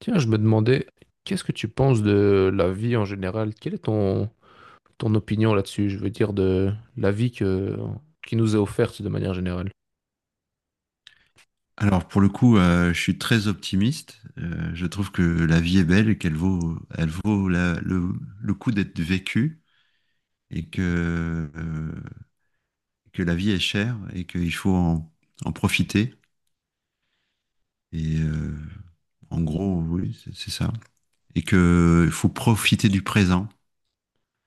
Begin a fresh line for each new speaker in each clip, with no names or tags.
Tiens, je me demandais, qu'est-ce que tu penses de la vie en général? Quelle est ton opinion là-dessus? Je veux dire de la vie qui nous est offerte de manière générale.
Alors pour le coup, je suis très optimiste. Je trouve que la vie est belle et qu'elle vaut le coup d'être vécue et que que la vie est chère et qu'il faut en profiter. Et en gros, oui, c'est ça. Et que il faut profiter du présent.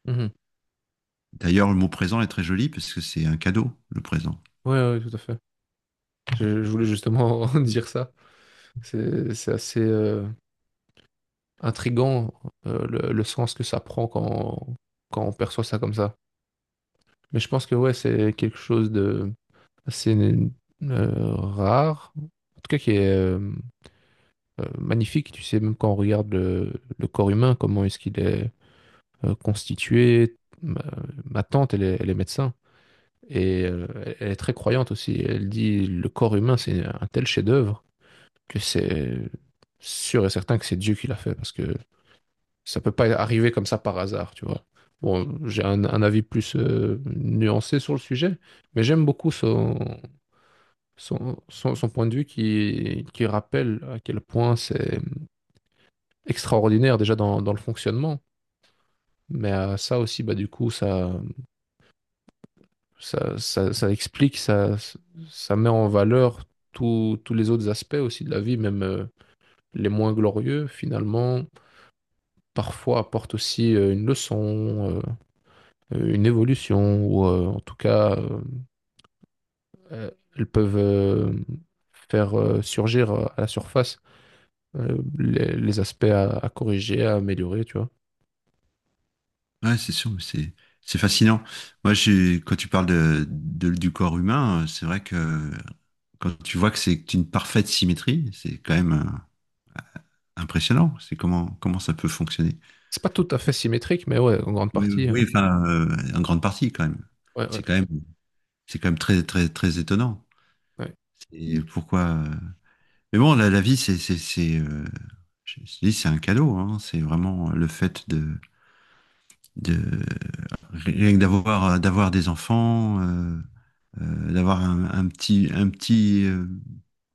Mhm.
D'ailleurs, le mot présent est très joli parce que c'est un cadeau, le présent.
Ouais, ouais, tout à fait. Je voulais justement dire ça. C'est assez intriguant le sens que ça prend quand on perçoit ça comme ça. Mais je pense que ouais, c'est quelque chose de assez rare, en tout cas qui est magnifique. Tu sais, même quand on regarde le corps humain, comment est-ce qu'il est constitué. Ma, ma tante, elle est médecin et elle est très croyante aussi. Elle dit le corps humain, c'est un tel chef-d'œuvre que c'est sûr et certain que c'est Dieu qui l'a fait parce que ça peut pas arriver comme ça par hasard, tu vois. Bon, j'ai un avis plus nuancé sur le sujet, mais j'aime beaucoup son point de vue qui rappelle à quel point c'est extraordinaire déjà dans le fonctionnement. Mais ça aussi, bah, du coup, ça explique, ça met en valeur tous les autres aspects aussi de la vie, même les moins glorieux, finalement, parfois apportent aussi une une évolution, ou en tout cas, euh, elles peuvent faire surgir à la surface les aspects à corriger, à améliorer, tu vois.
Ouais, c'est sûr, mais c'est fascinant. Moi, j'ai quand tu parles de, du corps humain, c'est vrai que quand tu vois que c'est une parfaite symétrie, c'est quand même impressionnant. C'est comment ça peut fonctionner.
C'est pas tout à fait symétrique, mais ouais, en grande
Oui, oui,
partie.
oui,
Ouais,
enfin, en grande partie quand même.
ouais, ouais.
C'est quand même, c'est quand même très très très étonnant.
Ouais.
Et pourquoi Mais bon, la vie, c'est c'est je dis, c'est un cadeau. Hein. C'est vraiment le fait de rien que d'avoir des enfants. D'avoir un petit,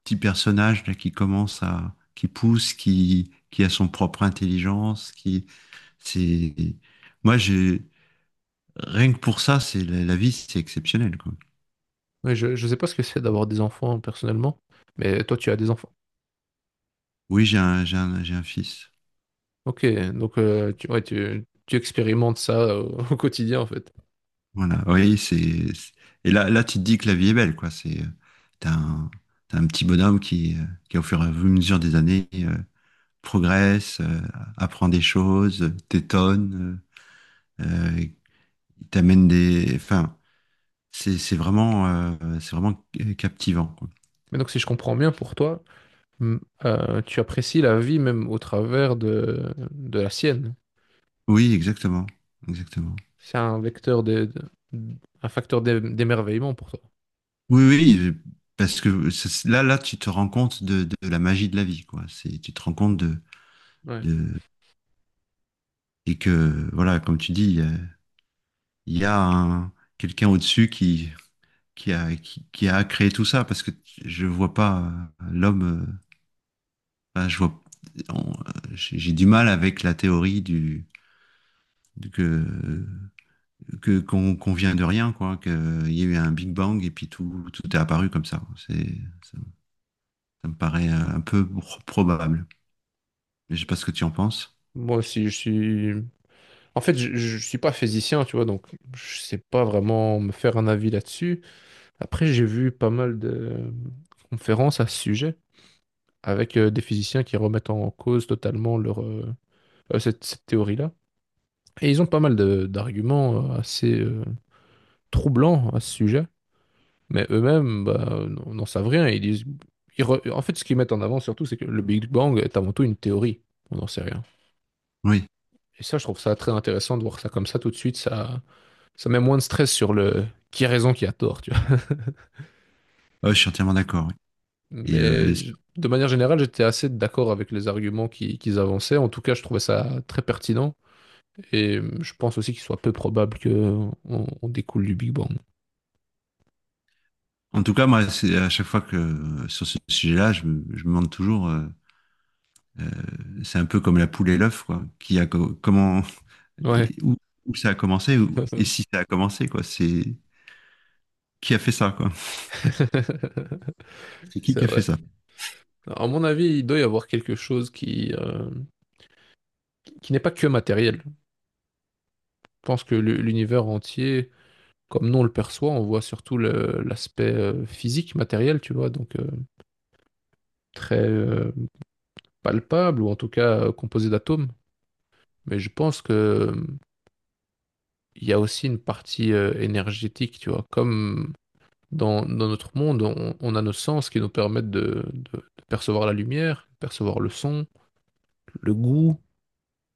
petit personnage là, qui commence à, qui pousse, qui a son propre intelligence, qui, c'est, moi j'ai, rien que pour ça, c'est la, la vie, c'est exceptionnel, quoi.
Ouais, je ne sais pas ce que c'est d'avoir des enfants personnellement, mais toi tu as des enfants.
Oui, j'ai un, j'ai un, j'ai un fils.
Ok, donc ouais, tu expérimentes ça au, au quotidien en fait.
Voilà. Oui, c'est, et là, là, tu te dis que la vie est belle, quoi. C'est, t'as un, t'as un petit bonhomme qui au fur et à mesure des années, progresse, apprend des choses, t'étonne, euh, euh, il t'amène des. Enfin, c'est vraiment, c'est vraiment captivant, quoi.
Mais donc si je comprends bien pour toi, mm, tu apprécies la vie même au travers de la sienne.
Oui, exactement. Exactement.
C'est un vecteur un facteur d'émerveillement pour toi.
Oui, oui, parce que là, là, tu te rends compte de la magie de la vie, quoi. C'est, tu te rends compte
Ouais.
de, et que, voilà, comme tu dis, il y a un, quelqu'un au-dessus qui a créé tout ça, parce que je vois pas l'homme, enfin, je vois, on- euh, j'ai du mal avec la théorie du que qu'on qu'on vient de rien, quoi, qu'il y a eu un Big Bang et puis tout, tout est apparu comme ça. C'est, ça, ça me paraît un peu probable. Mais je sais pas ce que tu en penses.
Moi aussi, je suis... En fait, je suis pas physicien, tu vois, donc je sais pas vraiment me faire un avis là-dessus. Après, j'ai vu pas mal de conférences à ce sujet, avec des physiciens qui remettent en cause totalement cette théorie-là. Et ils ont pas mal d'arguments assez troublants à ce sujet, mais eux-mêmes bah, n'en savent rien. Ils disent, en fait, ce qu'ils mettent en avant surtout, c'est que le Big Bang est avant tout une théorie. On n'en sait rien.
Oui.
Et ça, je trouve ça très intéressant de voir ça comme ça tout de suite. Ça met moins de stress sur le qui a raison, qui a tort, tu vois.
Ouais, je suis entièrement d'accord. Oui. Et euh, et
Mais
c'est-
de manière générale, j'étais assez d'accord avec les arguments qu'ils avançaient. En tout cas, je trouvais ça très pertinent. Et je pense aussi qu'il soit peu probable qu'on on découle du Big Bang.
en tout cas, moi, c'est à chaque fois que sur ce sujet-là, je me demande toujours, euh, c'est un peu comme la poule et l'œuf, quoi. Qui a comment,
Ouais,
et où, où ça a commencé et si ça a commencé, quoi. C'est qui a fait ça, quoi. C'est
c'est
qui a fait
vrai.
ça?
À mon avis, il doit y avoir quelque chose qui n'est pas que matériel. Je pense que l'univers entier, comme nous on le perçoit, on voit surtout l'aspect physique, matériel, tu vois, donc très palpable, ou en tout cas composé d'atomes. Mais je pense que il y a aussi une partie énergétique, tu vois, comme dans, notre monde, on a nos sens qui nous permettent de percevoir la lumière, percevoir le son, le goût,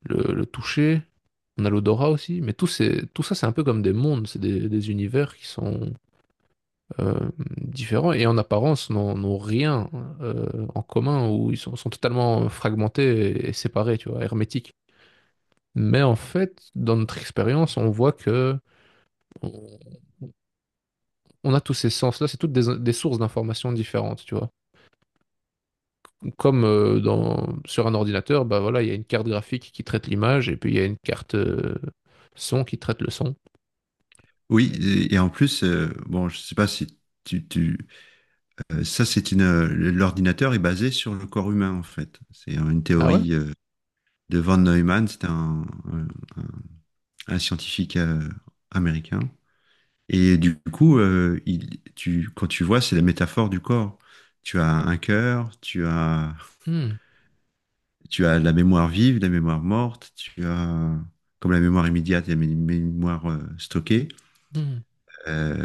le toucher. On a l'odorat aussi, mais tout ça, c'est un peu comme des mondes, c'est des univers qui sont euh, différents et en apparence n'ont rien en commun, ou ils sont totalement fragmentés et séparés, tu vois, hermétiques. Mais en fait, dans notre expérience, on voit que on on a tous ces sens-là, c'est toutes des sources d'informations différentes, tu vois. Comme sur un ordinateur, bah voilà, il y a une carte graphique qui traite l'image et puis il y a une carte son qui traite le son.
Oui, et en plus, bon, je sais pas si tu, tu. Ça, c'est une, l'ordinateur est basé sur le corps humain, en fait. C'est une
Ah ouais?
théorie de von Neumann, c'est un, un- un scientifique américain. Et du coup, il, tu, quand tu vois, c'est la métaphore du corps. Tu as un cœur,
Hmm,
tu as la mémoire vive, la mémoire morte, tu as, comme la mémoire immédiate et la mémoire stockée.
hmm.
Euh,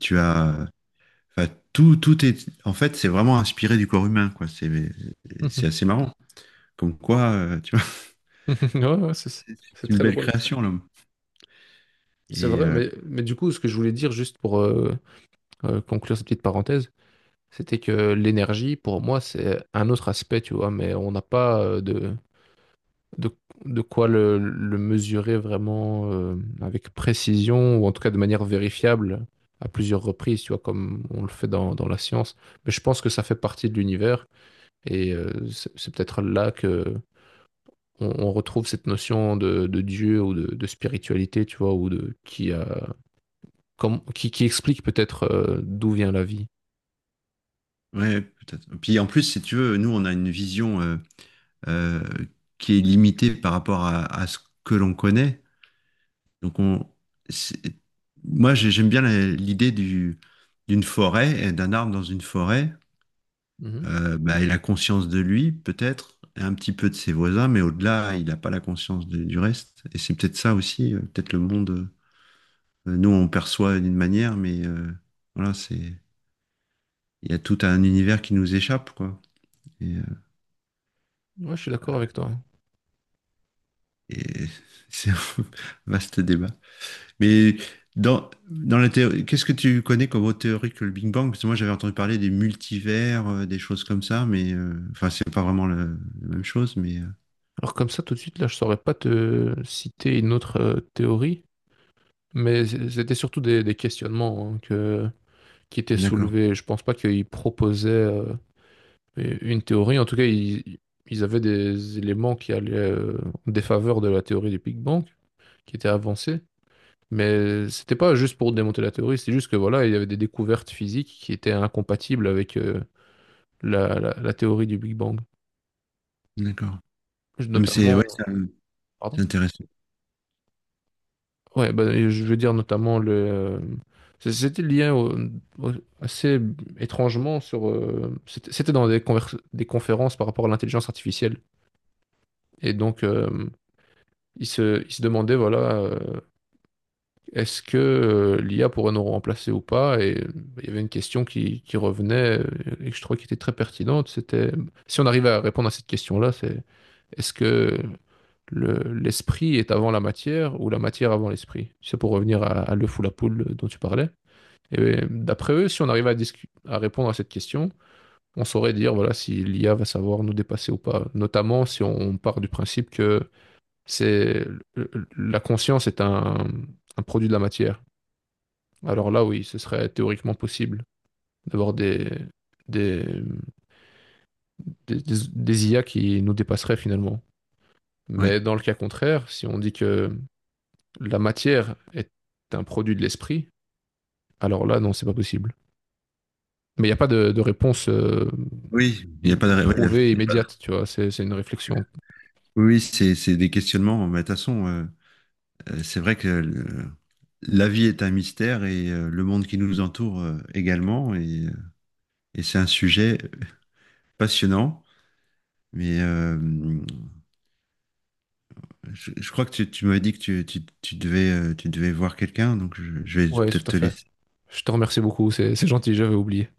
tu as, enfin, tout, tout est, en fait, c'est vraiment inspiré du corps humain, quoi.
Hmm,
C'est
hmm.
assez marrant. Comme quoi, tu vois,
Ouais, ouais,
c'est
c'est
c'est une
très
belle
drôle.
création, l'homme.
C'est
Et
vrai, mais du coup, ce que je voulais dire juste pour conclure cette petite parenthèse, c'était que l'énergie, pour moi, c'est un autre aspect, tu vois, mais on n'a pas de, de quoi le mesurer vraiment avec précision ou en tout cas de manière vérifiable à plusieurs reprises, tu vois, comme on le fait dans la science. Mais je pense que ça fait partie de l'univers et c'est peut-être là que on retrouve cette notion de Dieu ou de spiritualité, tu vois, ou de qui a, comme, qui explique peut-être d'où vient la vie.
ouais, peut-être. Puis en plus, si tu veux, nous, on a une vision euh, qui est limitée par rapport à ce que l'on connaît. Donc, on, c'est- moi, j'aime bien la- l'idée du, d'une forêt, et d'un arbre dans une forêt.
Mhm.
Bah, il a conscience de lui, peut-être, et un petit peu de ses voisins, mais au-delà, il n'a pas la conscience de- du reste. Et c'est peut-être ça aussi, peut-être le monde, nous, on perçoit d'une manière, mais voilà, c'est. Il y a tout un univers qui nous échappe, quoi. Et, euh,
Ouais, je suis d'accord avec toi.
et c'est un vaste débat. Mais dans, dans la théorie, qu'est-ce que tu connais comme autre théorie que le Big Bang? Parce que moi, j'avais entendu parler des multivers, des choses comme ça, mais enfin, c'est pas vraiment la même chose, mais
Alors comme ça, tout de suite, là, je saurais pas te citer une autre théorie. Mais c'était surtout des questionnements qui étaient
d'accord,
soulevés. Je pense pas qu'ils proposaient une théorie. En tout cas, ils avaient des éléments qui allaient en défaveur de la théorie du Big Bang, qui étaient avancés. Mais c'était pas juste pour démonter la théorie, c'est juste que voilà, il y avait des découvertes physiques qui étaient incompatibles avec la théorie du Big Bang.
d'accord. Non, mais c'est ouais,
Notamment,
c'est
pardon?
intéressant.
Ouais, bah, et je veux dire notamment c'était lié au- assez étrangement sur. C'était c'était des conférences par rapport à l'intelligence artificielle. Et donc, ils se demandaient, voilà, est-ce que l'IA pourrait nous remplacer ou pas? Et il y avait une question qui revenait et que je trouvais qui était très pertinente. C'était si on arrivait à répondre à cette question-là, c'est est-ce que le- l'esprit est avant la matière ou la matière avant l'esprit? C'est pour revenir à l'œuf ou la poule dont tu parlais. Et ben, d'après eux, si on arrivait à, à répondre à cette question, on saurait dire voilà si l'IA va savoir nous dépasser ou pas. Notamment si on part du principe que c'est la conscience est un produit de la matière. Alors là, oui, ce serait théoriquement possible d'avoir des, des IA qui nous dépasseraient finalement.
Ouais.
Mais dans le cas contraire, si on dit que la matière est un produit de l'esprit, alors là, non, c'est pas possible. Mais il n'y a pas de réponse
Oui, il n'y a pas de. Oui,
prouvée et
il y a pas de.
immédiate, tu vois. C'est une réflexion.
Oui, oui, c'est des questionnements. Mais de toute façon, c'est vrai que la vie est un mystère et le monde qui nous entoure également. Et c'est un sujet passionnant. Mais je crois que tu m'avais dit que tu, tu devais voir quelqu'un, donc je vais
Ouais, tout
peut-être
à
te
fait.
laisser
Je te remercie beaucoup, c'est gentil, j'avais oublié.